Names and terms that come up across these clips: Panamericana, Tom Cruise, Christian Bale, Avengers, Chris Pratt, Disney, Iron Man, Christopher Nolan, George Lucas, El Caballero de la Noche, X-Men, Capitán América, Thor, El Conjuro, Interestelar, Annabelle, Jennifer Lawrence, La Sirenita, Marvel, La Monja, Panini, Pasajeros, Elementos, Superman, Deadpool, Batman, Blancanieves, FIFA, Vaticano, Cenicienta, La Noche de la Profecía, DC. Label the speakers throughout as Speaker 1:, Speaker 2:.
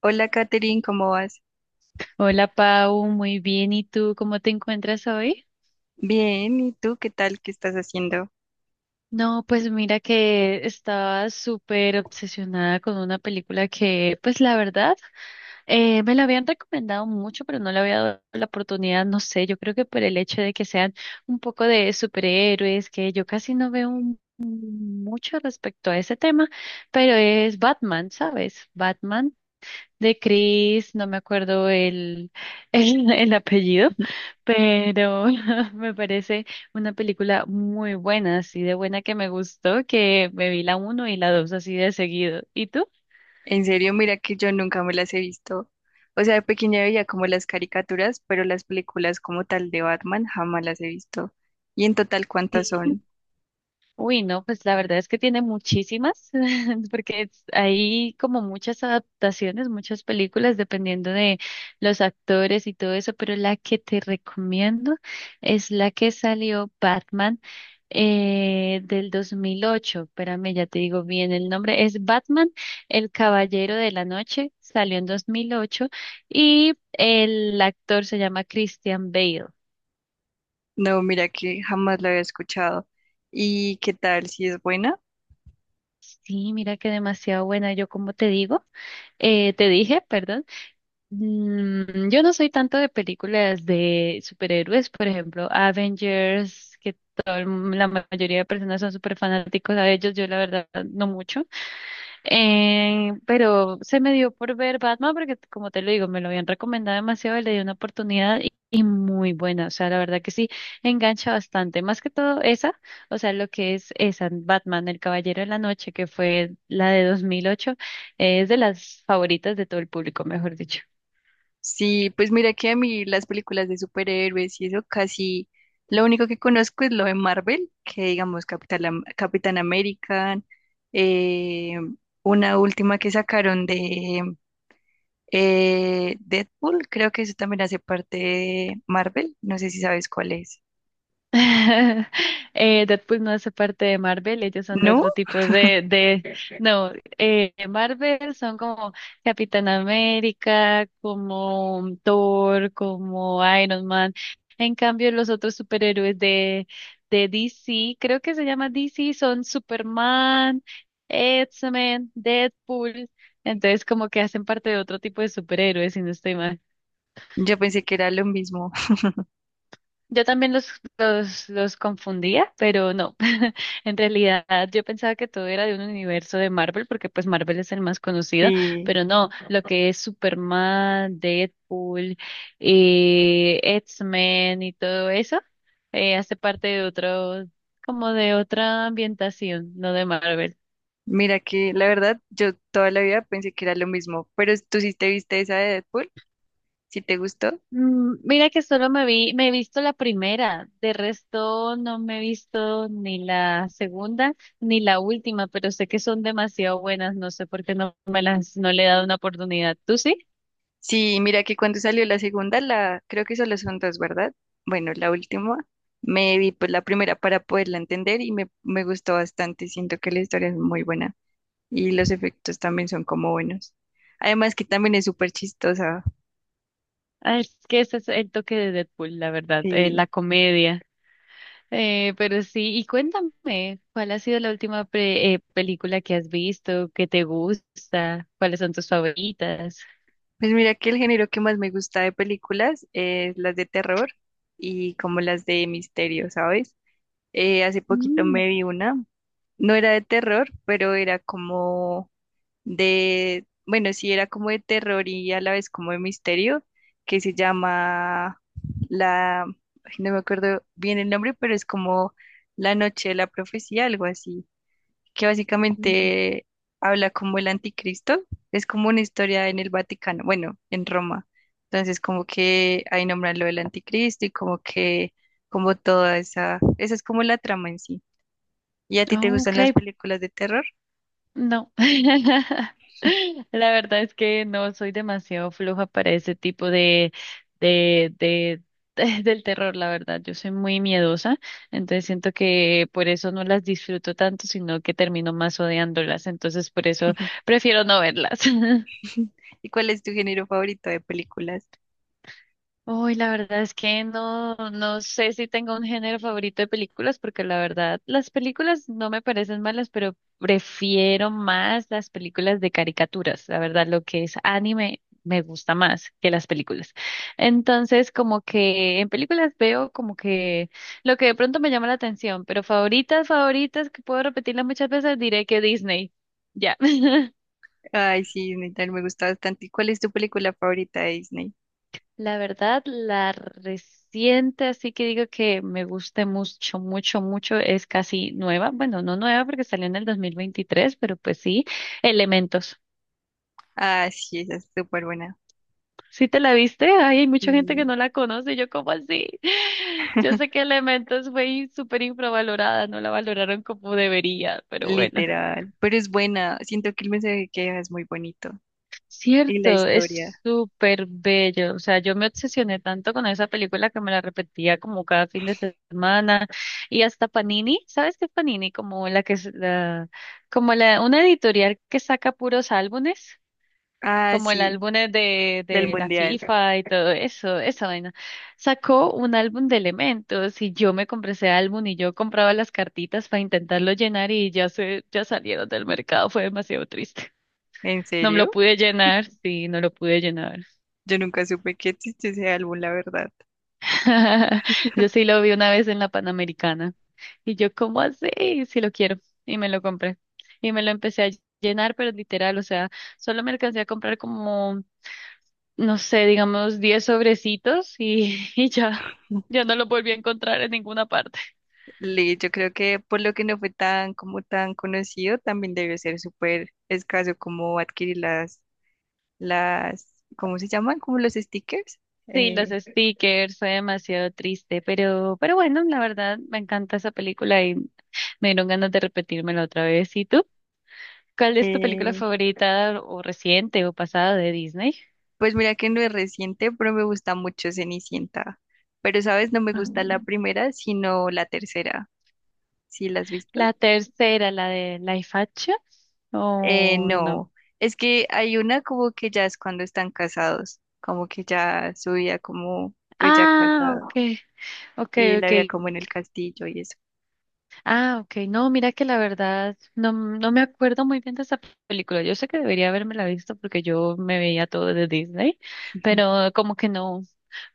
Speaker 1: Hola, Katherine, ¿cómo vas?
Speaker 2: Hola Pau, muy bien. ¿Y tú cómo te encuentras hoy?
Speaker 1: Bien, ¿y tú qué tal? ¿Qué estás haciendo?
Speaker 2: No, pues mira que estaba súper obsesionada con una película que, pues la verdad, me la habían recomendado mucho, pero no le había dado la oportunidad, no sé, yo creo que por el hecho de que sean un poco de superhéroes, que yo casi no veo mucho respecto a ese tema, pero es Batman, ¿sabes? Batman de Chris, no me acuerdo el, el apellido, pero me parece una película muy buena, así de buena que me gustó, que me vi la uno y la dos así de seguido. ¿Y tú?
Speaker 1: En serio, mira que yo nunca me las he visto. O sea, de pequeña veía como las caricaturas, pero las películas como tal de Batman jamás las he visto. ¿Y en total cuántas
Speaker 2: Sí.
Speaker 1: son?
Speaker 2: Uy, no, pues la verdad es que tiene muchísimas, porque hay como muchas adaptaciones, muchas películas, dependiendo de los actores y todo eso, pero la que te recomiendo es la que salió Batman, del 2008. Espérame, ya te digo bien el nombre. Es Batman, el Caballero de la Noche, salió en 2008 y el actor se llama Christian Bale.
Speaker 1: No, mira que jamás la había escuchado. ¿Y qué tal? ¿Si es buena?
Speaker 2: Sí, mira que demasiado buena. Yo, como te digo, te dije, perdón, yo no soy tanto de películas de superhéroes, por ejemplo, Avengers, que la mayoría de personas son súper fanáticos a ellos. Yo, la verdad, no mucho. Pero se me dio por ver Batman porque, como te lo digo, me lo habían recomendado demasiado, y le di una oportunidad y, muy buena. O sea, la verdad que sí, engancha bastante. Más que todo esa, o sea, lo que es esa, Batman, El Caballero de la Noche, que fue la de 2008. Es de las favoritas de todo el público, mejor dicho.
Speaker 1: Sí, pues mira que a mí las películas de superhéroes y eso casi lo único que conozco es lo de Marvel, que digamos Capital, Am- Capitán América, eh, una última que sacaron de Deadpool, creo que eso también hace parte de Marvel, no sé si sabes cuál es.
Speaker 2: Deadpool no hace parte de Marvel, ellos son de
Speaker 1: ¿No?
Speaker 2: otro tipo de, no, Marvel son como Capitán América, como Thor, como Iron Man. En cambio, los otros superhéroes de DC, creo que se llama DC, son Superman, X-Men, Deadpool. Entonces, como que hacen parte de otro tipo de superhéroes, si no estoy mal.
Speaker 1: Yo pensé que era lo mismo.
Speaker 2: Yo también los confundía, pero no. En realidad yo pensaba que todo era de un universo de Marvel, porque pues Marvel es el más conocido,
Speaker 1: Sí,
Speaker 2: pero no, lo que es Superman, Deadpool, X-Men y todo eso, hace parte de otro, como de otra ambientación, no de Marvel.
Speaker 1: mira que la verdad yo toda la vida pensé que era lo mismo, pero tú sí te viste esa de Deadpool, si te gustó.
Speaker 2: Mira que solo me he visto la primera, de resto no me he visto ni la segunda ni la última, pero sé que son demasiado buenas, no sé por qué no le he dado una oportunidad. ¿Tú sí?
Speaker 1: Sí, mira que cuando salió la segunda, la creo que solo son dos, ¿verdad? Bueno, la última me vi pues la primera para poderla entender y me gustó bastante. Siento que la historia es muy buena y los efectos también son como buenos. Además que también es súper chistosa.
Speaker 2: Ah, es que ese es el toque de Deadpool, la verdad,
Speaker 1: Sí.
Speaker 2: la comedia. Pero sí, y cuéntame, ¿cuál ha sido la última película que has visto, que te gusta, cuáles son tus favoritas?
Speaker 1: Pues mira que el género que más me gusta de películas es las de terror y como las de misterio, ¿sabes? Hace poquito
Speaker 2: Mm,
Speaker 1: me vi una, no era de terror, pero era como de, bueno, sí era como de terror y a la vez como de misterio, que se llama la, ay, no me acuerdo bien el nombre, pero es como La Noche de la Profecía, algo así, que
Speaker 2: mm,
Speaker 1: básicamente habla como el anticristo, es como una historia en el Vaticano, bueno, en Roma. Entonces como que ahí nombran lo del anticristo y como que, como toda esa, esa es como la trama en sí. ¿Y a ti te
Speaker 2: Oh,
Speaker 1: gustan
Speaker 2: ok.
Speaker 1: las películas de terror?
Speaker 2: No. La verdad es que no soy demasiado floja para ese tipo de, del terror, la verdad. Yo soy muy miedosa, entonces siento que por eso no las disfruto tanto, sino que termino más odiándolas. Entonces por eso prefiero no verlas.
Speaker 1: ¿Y cuál es tu género favorito de películas?
Speaker 2: Uy, la verdad es que no, no sé si tengo un género favorito de películas, porque la verdad, las películas no me parecen malas, pero prefiero más las películas de caricaturas. La verdad, lo que es anime me gusta más que las películas. Entonces, como que en películas veo como que lo que de pronto me llama la atención, pero favoritas, favoritas, que puedo repetirlas muchas veces, diré que Disney. Ya.
Speaker 1: Ay, sí, Disney también me gusta bastante. ¿Y cuál es tu película favorita de Disney?
Speaker 2: La verdad, la reciente, así que digo que me gusta mucho, mucho, mucho, es casi nueva. Bueno, no nueva porque salió en el 2023, pero pues sí, Elementos.
Speaker 1: Ah, sí, esa es súper buena.
Speaker 2: ¿Sí te la viste? Ay, hay mucha gente que
Speaker 1: Sí,
Speaker 2: no la conoce. Yo, ¿cómo así? Yo sé que Elementos fue súper infravalorada, no la valoraron como debería, pero bueno.
Speaker 1: literal. Pero es buena. Siento que el mensaje que deja es muy bonito. Y la
Speaker 2: Cierto,
Speaker 1: historia.
Speaker 2: es súper bello. O sea, yo me obsesioné tanto con esa película que me la repetía como cada fin de semana. Y hasta Panini, ¿sabes qué es Panini? Como la que es la, como la, una editorial que saca puros álbumes,
Speaker 1: Ah,
Speaker 2: como el
Speaker 1: sí,
Speaker 2: álbum
Speaker 1: del
Speaker 2: de la
Speaker 1: mundial.
Speaker 2: FIFA y todo eso, esa vaina. Sacó un álbum de elementos y yo me compré ese álbum y yo compraba las cartitas para intentarlo llenar y ya salieron del mercado. Fue demasiado triste.
Speaker 1: ¿En
Speaker 2: No me lo
Speaker 1: serio?
Speaker 2: pude llenar, sí, no lo pude llenar.
Speaker 1: Yo nunca supe que existe ese álbum, la verdad.
Speaker 2: Yo sí lo vi una vez en la Panamericana. Y yo, ¿cómo así? Sí lo quiero. Y me lo compré. Y me lo empecé a llenar, pero literal, o sea, solo me alcancé a comprar como, no sé, digamos, 10 sobrecitos y, y ya, ya no lo volví a encontrar en ninguna parte.
Speaker 1: Le, yo creo que por lo que no fue tan como tan conocido, también debió ser súper escaso como adquirir las, ¿cómo se llaman? Como los stickers.
Speaker 2: Sí, los
Speaker 1: Eh,
Speaker 2: stickers, fue demasiado triste, pero bueno, la verdad me encanta esa película y me dieron ganas de repetírmela otra vez. ¿Y tú? ¿Cuál es tu película
Speaker 1: eh,
Speaker 2: favorita o reciente o pasada de Disney?
Speaker 1: pues mira que no es reciente, pero me gusta mucho Cenicienta. Pero, ¿sabes? No me
Speaker 2: Ah.
Speaker 1: gusta la primera, sino la tercera. ¿Sí la has visto?
Speaker 2: La tercera, la de Life Action. Oh, no.
Speaker 1: No. Es que hay una como que ya es cuando están casados, como que ya su vida como, pues ya
Speaker 2: Ah,
Speaker 1: casado,
Speaker 2: ok, ok,
Speaker 1: y la
Speaker 2: ok.
Speaker 1: veía como en el castillo y eso.
Speaker 2: Ah, ok. No, mira que la verdad no, no me acuerdo muy bien de esa película. Yo sé que debería haberme la visto porque yo me veía todo de Disney,
Speaker 1: Ujú.
Speaker 2: pero como que no,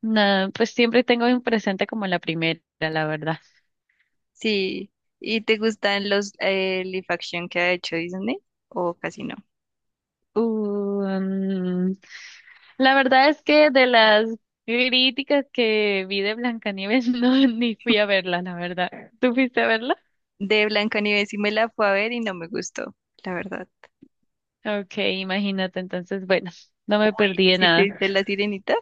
Speaker 2: pues siempre tengo en presente como la primera, la verdad.
Speaker 1: Sí. ¿Y te gustan los live action que ha hecho Disney? ¿O casi no?
Speaker 2: Uh, mm, La verdad es que de las críticas que vi de Blancanieves, no, ni fui a verla, la verdad. ¿Tú fuiste a verla?
Speaker 1: De Blancanieves y me la fue a ver y no me gustó, la verdad.
Speaker 2: Ok, imagínate, entonces, bueno, no me perdí
Speaker 1: Uy,
Speaker 2: de
Speaker 1: ¿si te
Speaker 2: nada.
Speaker 1: viste La Sirenita?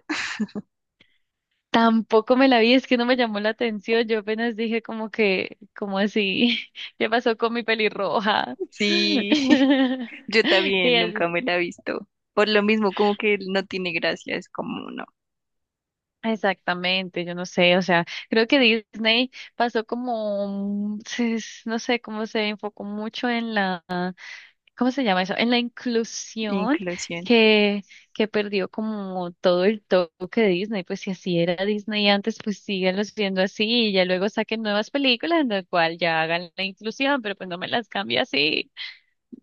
Speaker 2: Tampoco me la vi, es que no me llamó la atención. Yo apenas dije como que, como así, ¿qué pasó con mi pelirroja?
Speaker 1: Sí, yo
Speaker 2: Y
Speaker 1: también
Speaker 2: es-
Speaker 1: nunca me la he visto. Por lo mismo, como que no tiene gracia, es como no,
Speaker 2: exactamente, yo no sé, o sea, creo que Disney pasó como, no sé, cómo se enfocó mucho en la, ¿cómo se llama eso? En la inclusión
Speaker 1: inclusión.
Speaker 2: que, perdió como todo el toque de Disney, pues si así era Disney antes, pues síganlos viendo así y ya luego saquen nuevas películas en las cual ya hagan la inclusión, pero pues no me las cambie así.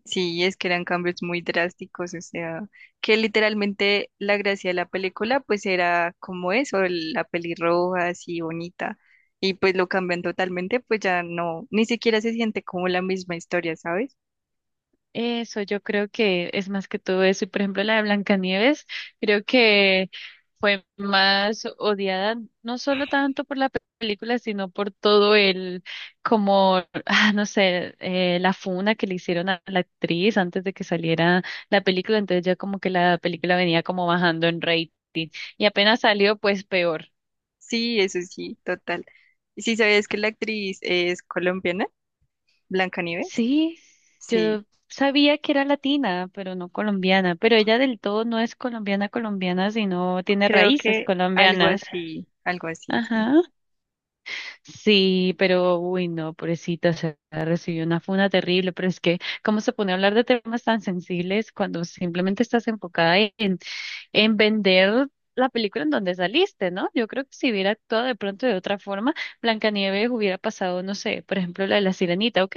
Speaker 1: Sí, es que eran cambios muy drásticos, o sea, que literalmente la gracia de la película pues era como eso, el- la pelirroja así bonita. Y pues lo cambian totalmente, pues ya no, ni siquiera se siente como la misma historia, ¿sabes?
Speaker 2: Eso, yo creo que es más que todo eso. Y por ejemplo, la de Blancanieves, creo que fue más odiada, no solo tanto por la película, sino por todo el, como, ah, no sé, la funa que le hicieron a la actriz antes de que saliera la película. Entonces ya como que la película venía como bajando en rating. Y apenas salió, pues peor.
Speaker 1: Sí, eso sí, total. ¿Y si sabías que la actriz es colombiana? Blancanieves.
Speaker 2: Sí, yo
Speaker 1: Sí,
Speaker 2: sabía que era latina, pero no colombiana, pero ella del todo no es colombiana colombiana, sino tiene
Speaker 1: creo
Speaker 2: raíces
Speaker 1: que
Speaker 2: colombianas.
Speaker 1: algo así, sí.
Speaker 2: Ajá. Sí, pero uy, no, pobrecita, se recibió una funa terrible, pero es que cómo se pone a hablar de temas tan sensibles cuando simplemente estás enfocada en vender la película en donde saliste, ¿no? Yo creo que si hubiera actuado de pronto de otra forma, Blancanieves hubiera pasado, no sé, por ejemplo, la de la Sirenita, ok,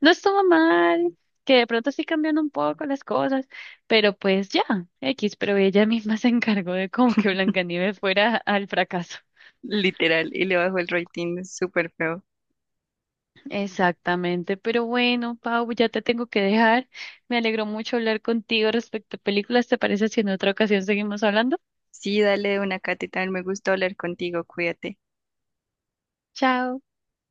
Speaker 2: no estuvo mal, que de pronto sí cambian un poco las cosas, pero pues ya, X, pero ella misma se encargó de como que Blancanieves fuera al fracaso.
Speaker 1: Literal, y le bajó el rating súper feo.
Speaker 2: Exactamente, pero bueno, Pau, ya te tengo que dejar. Me alegró mucho hablar contigo respecto a películas. ¿Te parece si en otra ocasión seguimos hablando?
Speaker 1: Sí, dale, una cata también me gustó hablar contigo, cuídate.
Speaker 2: Chao.